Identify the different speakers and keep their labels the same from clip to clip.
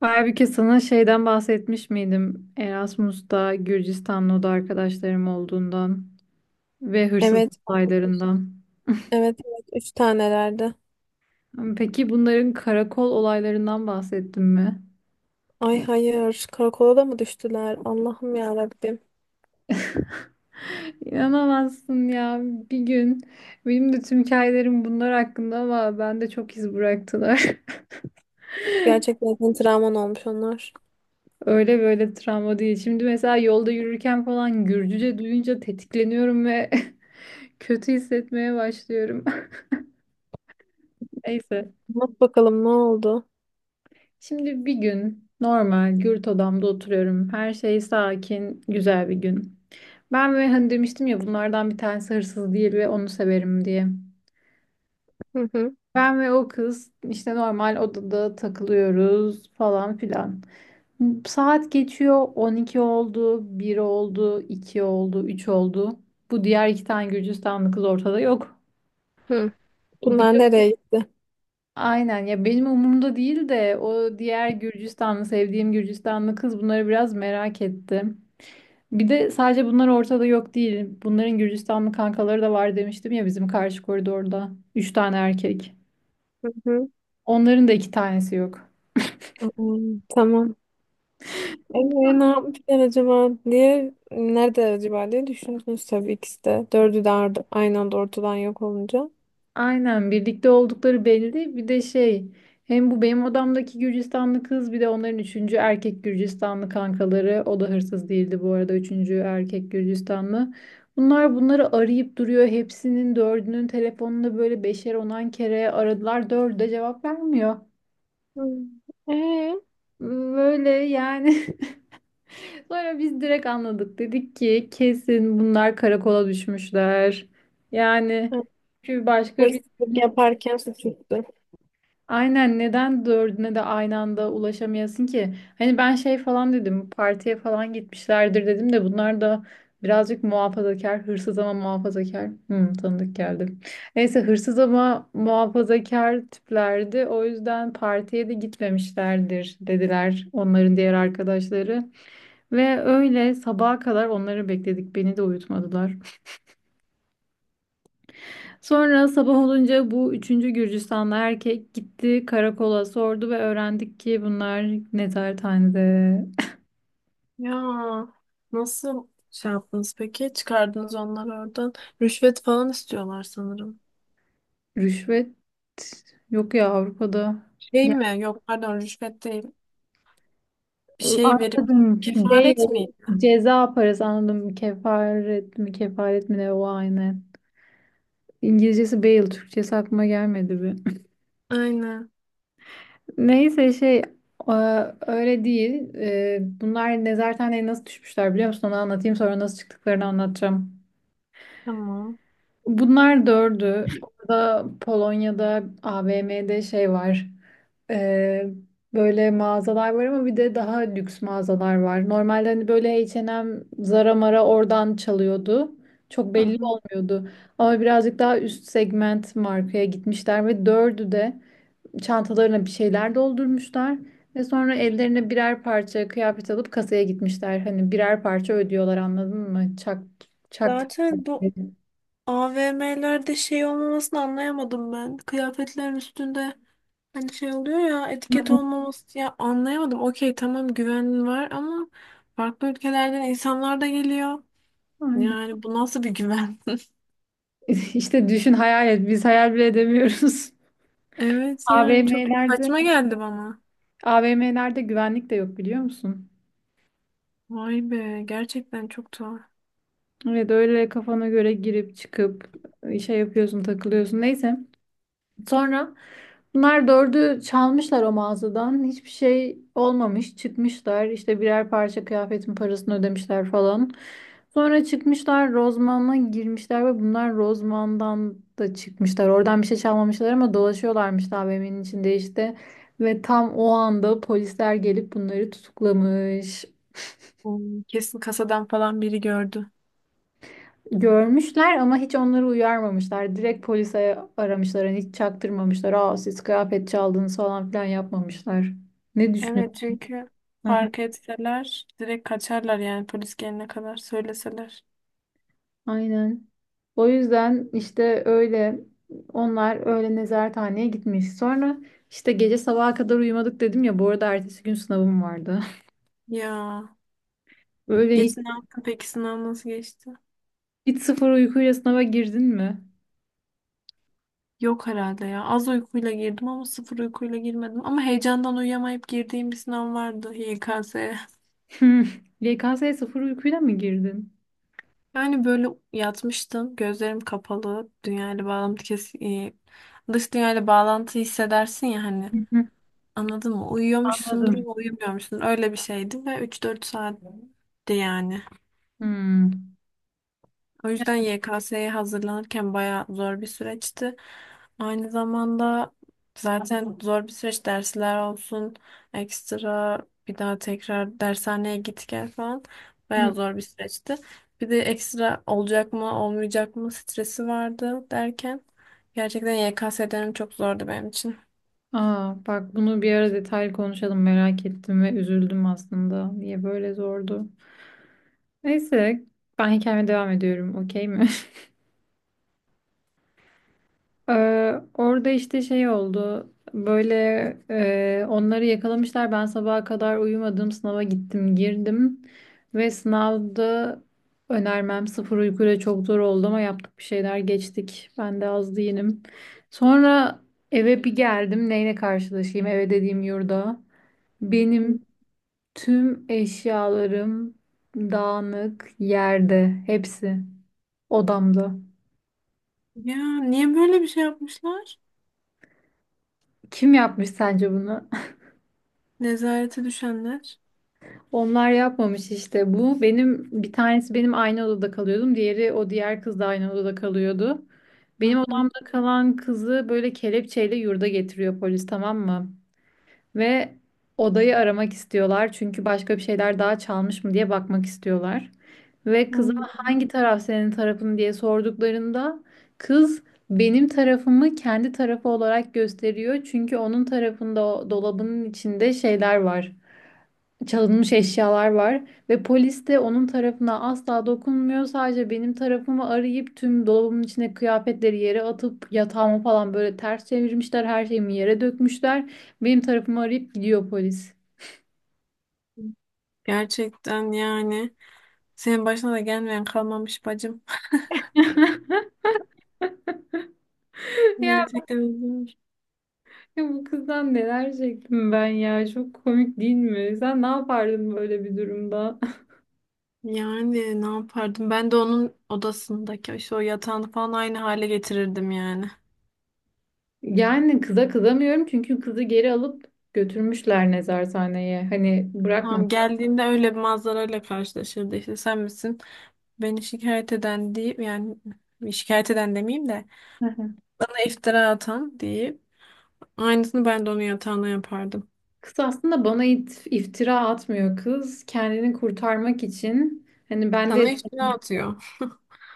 Speaker 1: Halbuki sana şeyden bahsetmiş miydim? Erasmus'ta Gürcistanlı'da arkadaşlarım olduğundan ve hırsızlık
Speaker 2: Evet.
Speaker 1: olaylarından.
Speaker 2: Evet evet. Üç tanelerdi.
Speaker 1: Peki bunların karakol olaylarından bahsettim mi?
Speaker 2: Ay hayır. Karakola da mı düştüler? Allah'ım ya Rabbim.
Speaker 1: İnanamazsın ya. Bir gün benim de tüm hikayelerim bunlar hakkında ama ben de çok iz bıraktılar.
Speaker 2: Gerçekten senin travman olmuş onlar.
Speaker 1: Öyle böyle travma değil. Şimdi mesela yolda yürürken falan Gürcüce duyunca tetikleniyorum ve kötü hissetmeye başlıyorum. Neyse.
Speaker 2: Bak bakalım ne oldu?
Speaker 1: Şimdi bir gün normal gürt odamda oturuyorum. Her şey sakin, güzel bir gün. Ben ve hani demiştim ya bunlardan bir tanesi hırsız değil ve onu severim diye.
Speaker 2: Hı hı.
Speaker 1: Ben ve o kız işte normal odada takılıyoruz falan filan. Saat geçiyor 12 oldu, 1 oldu, 2 oldu, 3 oldu. Bu diğer iki tane Gürcistanlı kız ortada yok.
Speaker 2: Hı.
Speaker 1: Bir
Speaker 2: Bunlar
Speaker 1: de
Speaker 2: nereye gitti?
Speaker 1: aynen ya benim umurumda değil de o diğer Gürcistanlı sevdiğim Gürcistanlı kız bunları biraz merak etti. Bir de sadece bunlar ortada yok değil. Bunların Gürcistanlı kankaları da var demiştim ya bizim karşı koridorda. Üç tane erkek.
Speaker 2: Hı hı.
Speaker 1: Onların da iki tanesi yok.
Speaker 2: Hmm, tamam. Ee, Ne yapmışlar acaba diye nerede acaba diye düşündünüz tabii ikisi de. Dördü de aynı anda ortadan yok olunca.
Speaker 1: Aynen birlikte oldukları belli. Bir de şey hem bu benim odamdaki Gürcistanlı kız bir de onların üçüncü erkek Gürcistanlı kankaları. O da hırsız değildi bu arada üçüncü erkek Gürcistanlı. Bunlar bunları arayıp duruyor. Hepsinin dördünün telefonunda böyle beşer onan kere aradılar. Dördü de cevap vermiyor.
Speaker 2: Hmm. Ee,
Speaker 1: Böyle yani. Sonra biz direkt anladık. Dedik ki kesin bunlar karakola düşmüşler. Yani çünkü başka bir
Speaker 2: Hırsızlık yaparken suçüstü.
Speaker 1: aynen neden dördüne de aynı anda ulaşamayasın ki? Hani ben şey falan dedim partiye falan gitmişlerdir dedim de bunlar da birazcık muhafazakar hırsız ama muhafazakar. Hmm, tanıdık geldi. Neyse hırsız ama muhafazakar tiplerdi. O yüzden partiye de gitmemişlerdir dediler onların diğer arkadaşları. Ve öyle sabaha kadar onları bekledik. Beni de uyutmadılar. Sonra sabah olunca bu üçüncü Gürcistanlı erkek gitti karakola sordu ve öğrendik ki bunlar nezarethanede.
Speaker 2: Ya, nasıl şey yaptınız peki? Çıkardınız onları oradan. Rüşvet falan istiyorlar sanırım.
Speaker 1: Rüşvet yok ya Avrupa'da.
Speaker 2: Şey
Speaker 1: Ya,
Speaker 2: mi? Yok pardon rüşvet değil. Bir şey verip
Speaker 1: anladım. Şey,
Speaker 2: kefaret miydi?
Speaker 1: ceza parası anladım. Kefaret mi kefaret mi ne o aynı. İngilizcesi bail, Türkçesi aklıma gelmedi bir.
Speaker 2: Aynen.
Speaker 1: Neyse şey e, öyle değil. Bunlar nezarethaneye nasıl düşmüşler biliyor musun? Onu anlatayım sonra nasıl çıktıklarını anlatacağım.
Speaker 2: Tamam.
Speaker 1: Bunlar dördü. Orada Polonya'da AVM'de şey var. E, Böyle mağazalar var ama bir de daha lüks mağazalar var. Normalde hani böyle H&M, Zara Mara oradan çalıyordu. Çok
Speaker 2: Hı
Speaker 1: belli
Speaker 2: hı.
Speaker 1: olmuyordu. Ama birazcık daha üst segment markaya gitmişler ve dördü de çantalarına bir şeyler doldurmuşlar ve sonra ellerine birer parça kıyafet alıp kasaya gitmişler. Hani birer parça ödüyorlar anladın mı? Çaktı.
Speaker 2: Zaten bu AVM'lerde şey olmamasını anlayamadım ben. Kıyafetlerin üstünde hani şey oluyor ya, etiket olmaması ya, anlayamadım. Okey, tamam, güven var ama farklı ülkelerden insanlar da geliyor.
Speaker 1: Aynen.
Speaker 2: Yani bu nasıl bir güven?
Speaker 1: İşte düşün hayal et. Biz hayal bile edemiyoruz.
Speaker 2: Evet yani çok
Speaker 1: AVM'lerde
Speaker 2: saçma geldi bana.
Speaker 1: AVM'lerde güvenlik de yok biliyor musun?
Speaker 2: Vay be, gerçekten çok tuhaf.
Speaker 1: Evet öyle kafana göre girip çıkıp şey yapıyorsun takılıyorsun. Neyse. Sonra bunlar dördü çalmışlar o mağazadan. Hiçbir şey olmamış. Çıkmışlar. İşte birer parça kıyafetin parasını ödemişler falan. Sonra çıkmışlar Rozman'a girmişler ve bunlar Rozman'dan da çıkmışlar. Oradan bir şey çalmamışlar ama dolaşıyorlarmış AVM'nin içinde işte. Ve tam o anda polisler gelip bunları tutuklamış.
Speaker 2: Hmm, kesin kasadan falan biri gördü.
Speaker 1: Görmüşler ama hiç onları uyarmamışlar. Direkt polise aramışlar. Hani hiç çaktırmamışlar. Aa, siz kıyafet çaldınız falan filan yapmamışlar. Ne düşünüyorsun?
Speaker 2: Evet, çünkü
Speaker 1: Aha.
Speaker 2: fark etseler direkt kaçarlar yani polis gelene kadar söyleseler.
Speaker 1: Aynen. O yüzden işte öyle onlar öyle nezarethaneye gitmiş. Sonra işte gece sabaha kadar uyumadık dedim ya. Bu arada ertesi gün sınavım vardı.
Speaker 2: Ya,
Speaker 1: Böyle hiç,
Speaker 2: geç, ne yaptın peki, sınav nasıl geçti?
Speaker 1: hiç sıfır uykuyla sınava girdin mi?
Speaker 2: Yok herhalde ya, az uykuyla girdim ama sıfır uykuyla girmedim. Ama heyecandan uyuyamayıp girdiğim bir sınav vardı, YKS.
Speaker 1: YKS'ye sıfır uykuyla mı girdin?
Speaker 2: Yani böyle yatmıştım. Gözlerim kapalı. Dünyayla bağlantı kes dış dünyayla bağlantı hissedersin ya hani.
Speaker 1: Hı hı.
Speaker 2: Anladın mı? Uyuyormuşsundur
Speaker 1: Anladım.
Speaker 2: ama uyumuyormuşsun. Öyle bir şeydi ve 3-4 saatti yani.
Speaker 1: Hmm.
Speaker 2: O
Speaker 1: Ya.
Speaker 2: yüzden YKS'ye hazırlanırken bayağı zor bir süreçti. Aynı zamanda zaten zor bir süreç, dersler olsun, ekstra bir daha tekrar dershaneye git gel falan,
Speaker 1: Hı.
Speaker 2: bayağı zor bir süreçti. Bir de ekstra olacak mı olmayacak mı stresi vardı derken gerçekten YKS dönemi çok zordu benim için.
Speaker 1: Aa, bak bunu bir ara detaylı konuşalım merak ettim ve üzüldüm aslında. Niye böyle zordu? Neyse ben hikayeme devam ediyorum, okey mi? Orada işte şey oldu. Böyle onları yakalamışlar. Ben sabaha kadar uyumadım. Sınava gittim girdim. Ve sınavda önermem sıfır uykuyla çok zor oldu ama yaptık bir şeyler geçtik. Ben de az değilim. Sonra eve bir geldim. Neyle karşılaşayım? Eve dediğim yurda. Benim tüm eşyalarım dağınık yerde, hepsi odamda.
Speaker 2: Ya niye böyle bir şey yapmışlar?
Speaker 1: Kim yapmış sence bunu?
Speaker 2: Nezarete düşenler.
Speaker 1: Onlar yapmamış işte. Bu benim bir tanesi benim aynı odada kalıyordum. Diğeri o diğer kız da aynı odada kalıyordu.
Speaker 2: Hı
Speaker 1: Benim
Speaker 2: hı.
Speaker 1: odamda kalan kızı böyle kelepçeyle yurda getiriyor polis, tamam mı? Ve odayı aramak istiyorlar çünkü başka bir şeyler daha çalmış mı diye bakmak istiyorlar. Ve kıza
Speaker 2: Hı.
Speaker 1: hangi taraf senin tarafın diye sorduklarında kız benim tarafımı kendi tarafı olarak gösteriyor. Çünkü onun tarafında o dolabının içinde şeyler var, çalınmış eşyalar var ve polis de onun tarafına asla dokunmuyor. Sadece benim tarafımı arayıp tüm dolabımın içine kıyafetleri yere atıp yatağımı falan böyle ters çevirmişler. Her şeyimi yere dökmüşler. Benim tarafımı arayıp gidiyor polis.
Speaker 2: Gerçekten yani. Senin başına da gelmeyen kalmamış bacım.
Speaker 1: Ya,
Speaker 2: Gerçekten üzülür.
Speaker 1: bu kızdan neler çektim ben ya. Çok komik değil mi? Sen ne yapardın böyle bir durumda?
Speaker 2: Yani ne yapardım? Ben de onun odasındaki işte o yatağını falan aynı hale getirirdim yani.
Speaker 1: Yani kıza kızamıyorum çünkü kızı geri alıp götürmüşler nezarethaneye. Hani bırakmam.
Speaker 2: Tamam, geldiğinde öyle bir manzarayla karşılaşırdı işte, sen misin beni şikayet eden deyip, yani şikayet eden demeyeyim de bana iftira atan deyip aynısını ben de onun yatağına yapardım.
Speaker 1: Kız aslında bana iftira atmıyor kız. Kendini kurtarmak için hani
Speaker 2: Sana iftira atıyor.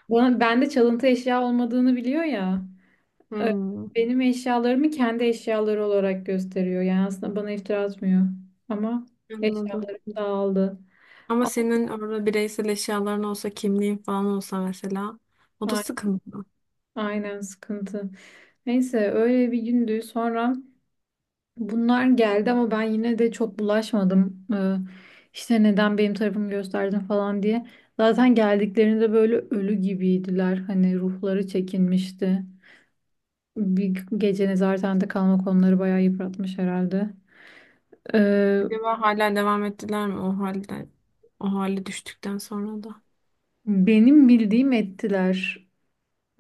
Speaker 1: bana bende çalıntı eşya olmadığını biliyor ya. Ö-
Speaker 2: Hmm,
Speaker 1: Benim eşyalarımı kendi eşyaları olarak gösteriyor. Yani aslında bana iftira atmıyor. Ama
Speaker 2: anladım.
Speaker 1: eşyalarım dağıldı.
Speaker 2: Ama senin orada bireysel eşyaların olsa, kimliğin falan olsa mesela, o da
Speaker 1: A-
Speaker 2: sıkıntı.
Speaker 1: Aynen, sıkıntı. Neyse öyle bir gündü. Sonra bunlar geldi ama ben yine de çok bulaşmadım. İşte neden benim tarafımı gösterdin falan diye. Zaten geldiklerinde böyle ölü gibiydiler. Hani ruhları çekinmişti. Bir gece nezarette kalmak onları bayağı yıpratmış herhalde. Ee,
Speaker 2: Acaba hala devam ettiler mi o halde? O hale düştükten sonra da.
Speaker 1: benim bildiğim ettiler.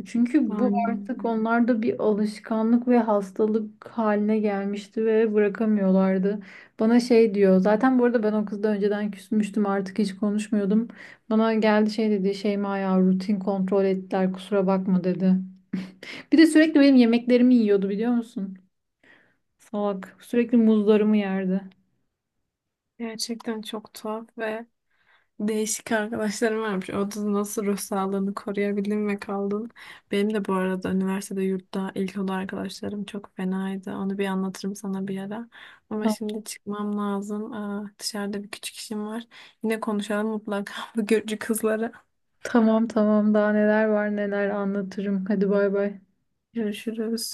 Speaker 1: Çünkü bu artık
Speaker 2: Yani
Speaker 1: onlarda bir alışkanlık ve hastalık haline gelmişti ve bırakamıyorlardı. Bana şey diyor. Zaten bu arada ben o kızla önceden küsmüştüm. Artık hiç konuşmuyordum. Bana geldi şey dedi. Şeyma ya, rutin kontrol ettiler. Kusura bakma dedi. Bir de sürekli benim yemeklerimi yiyordu biliyor musun? Salak. Sürekli muzlarımı yerdi.
Speaker 2: gerçekten çok tuhaf ve değişik arkadaşlarım varmış. O da nasıl ruh sağlığını koruyabildin ve kaldın. Benim de bu arada üniversitede yurtta ilk oda arkadaşlarım çok fenaydı. Onu bir anlatırım sana bir ara. Ama
Speaker 1: Tamam,
Speaker 2: şimdi çıkmam lazım. Aa, dışarıda bir küçük işim var. Yine konuşalım mutlaka bu Gürcü kızlara.
Speaker 1: tamam, tamam. Daha neler var neler anlatırım. Hadi bay bay.
Speaker 2: Görüşürüz.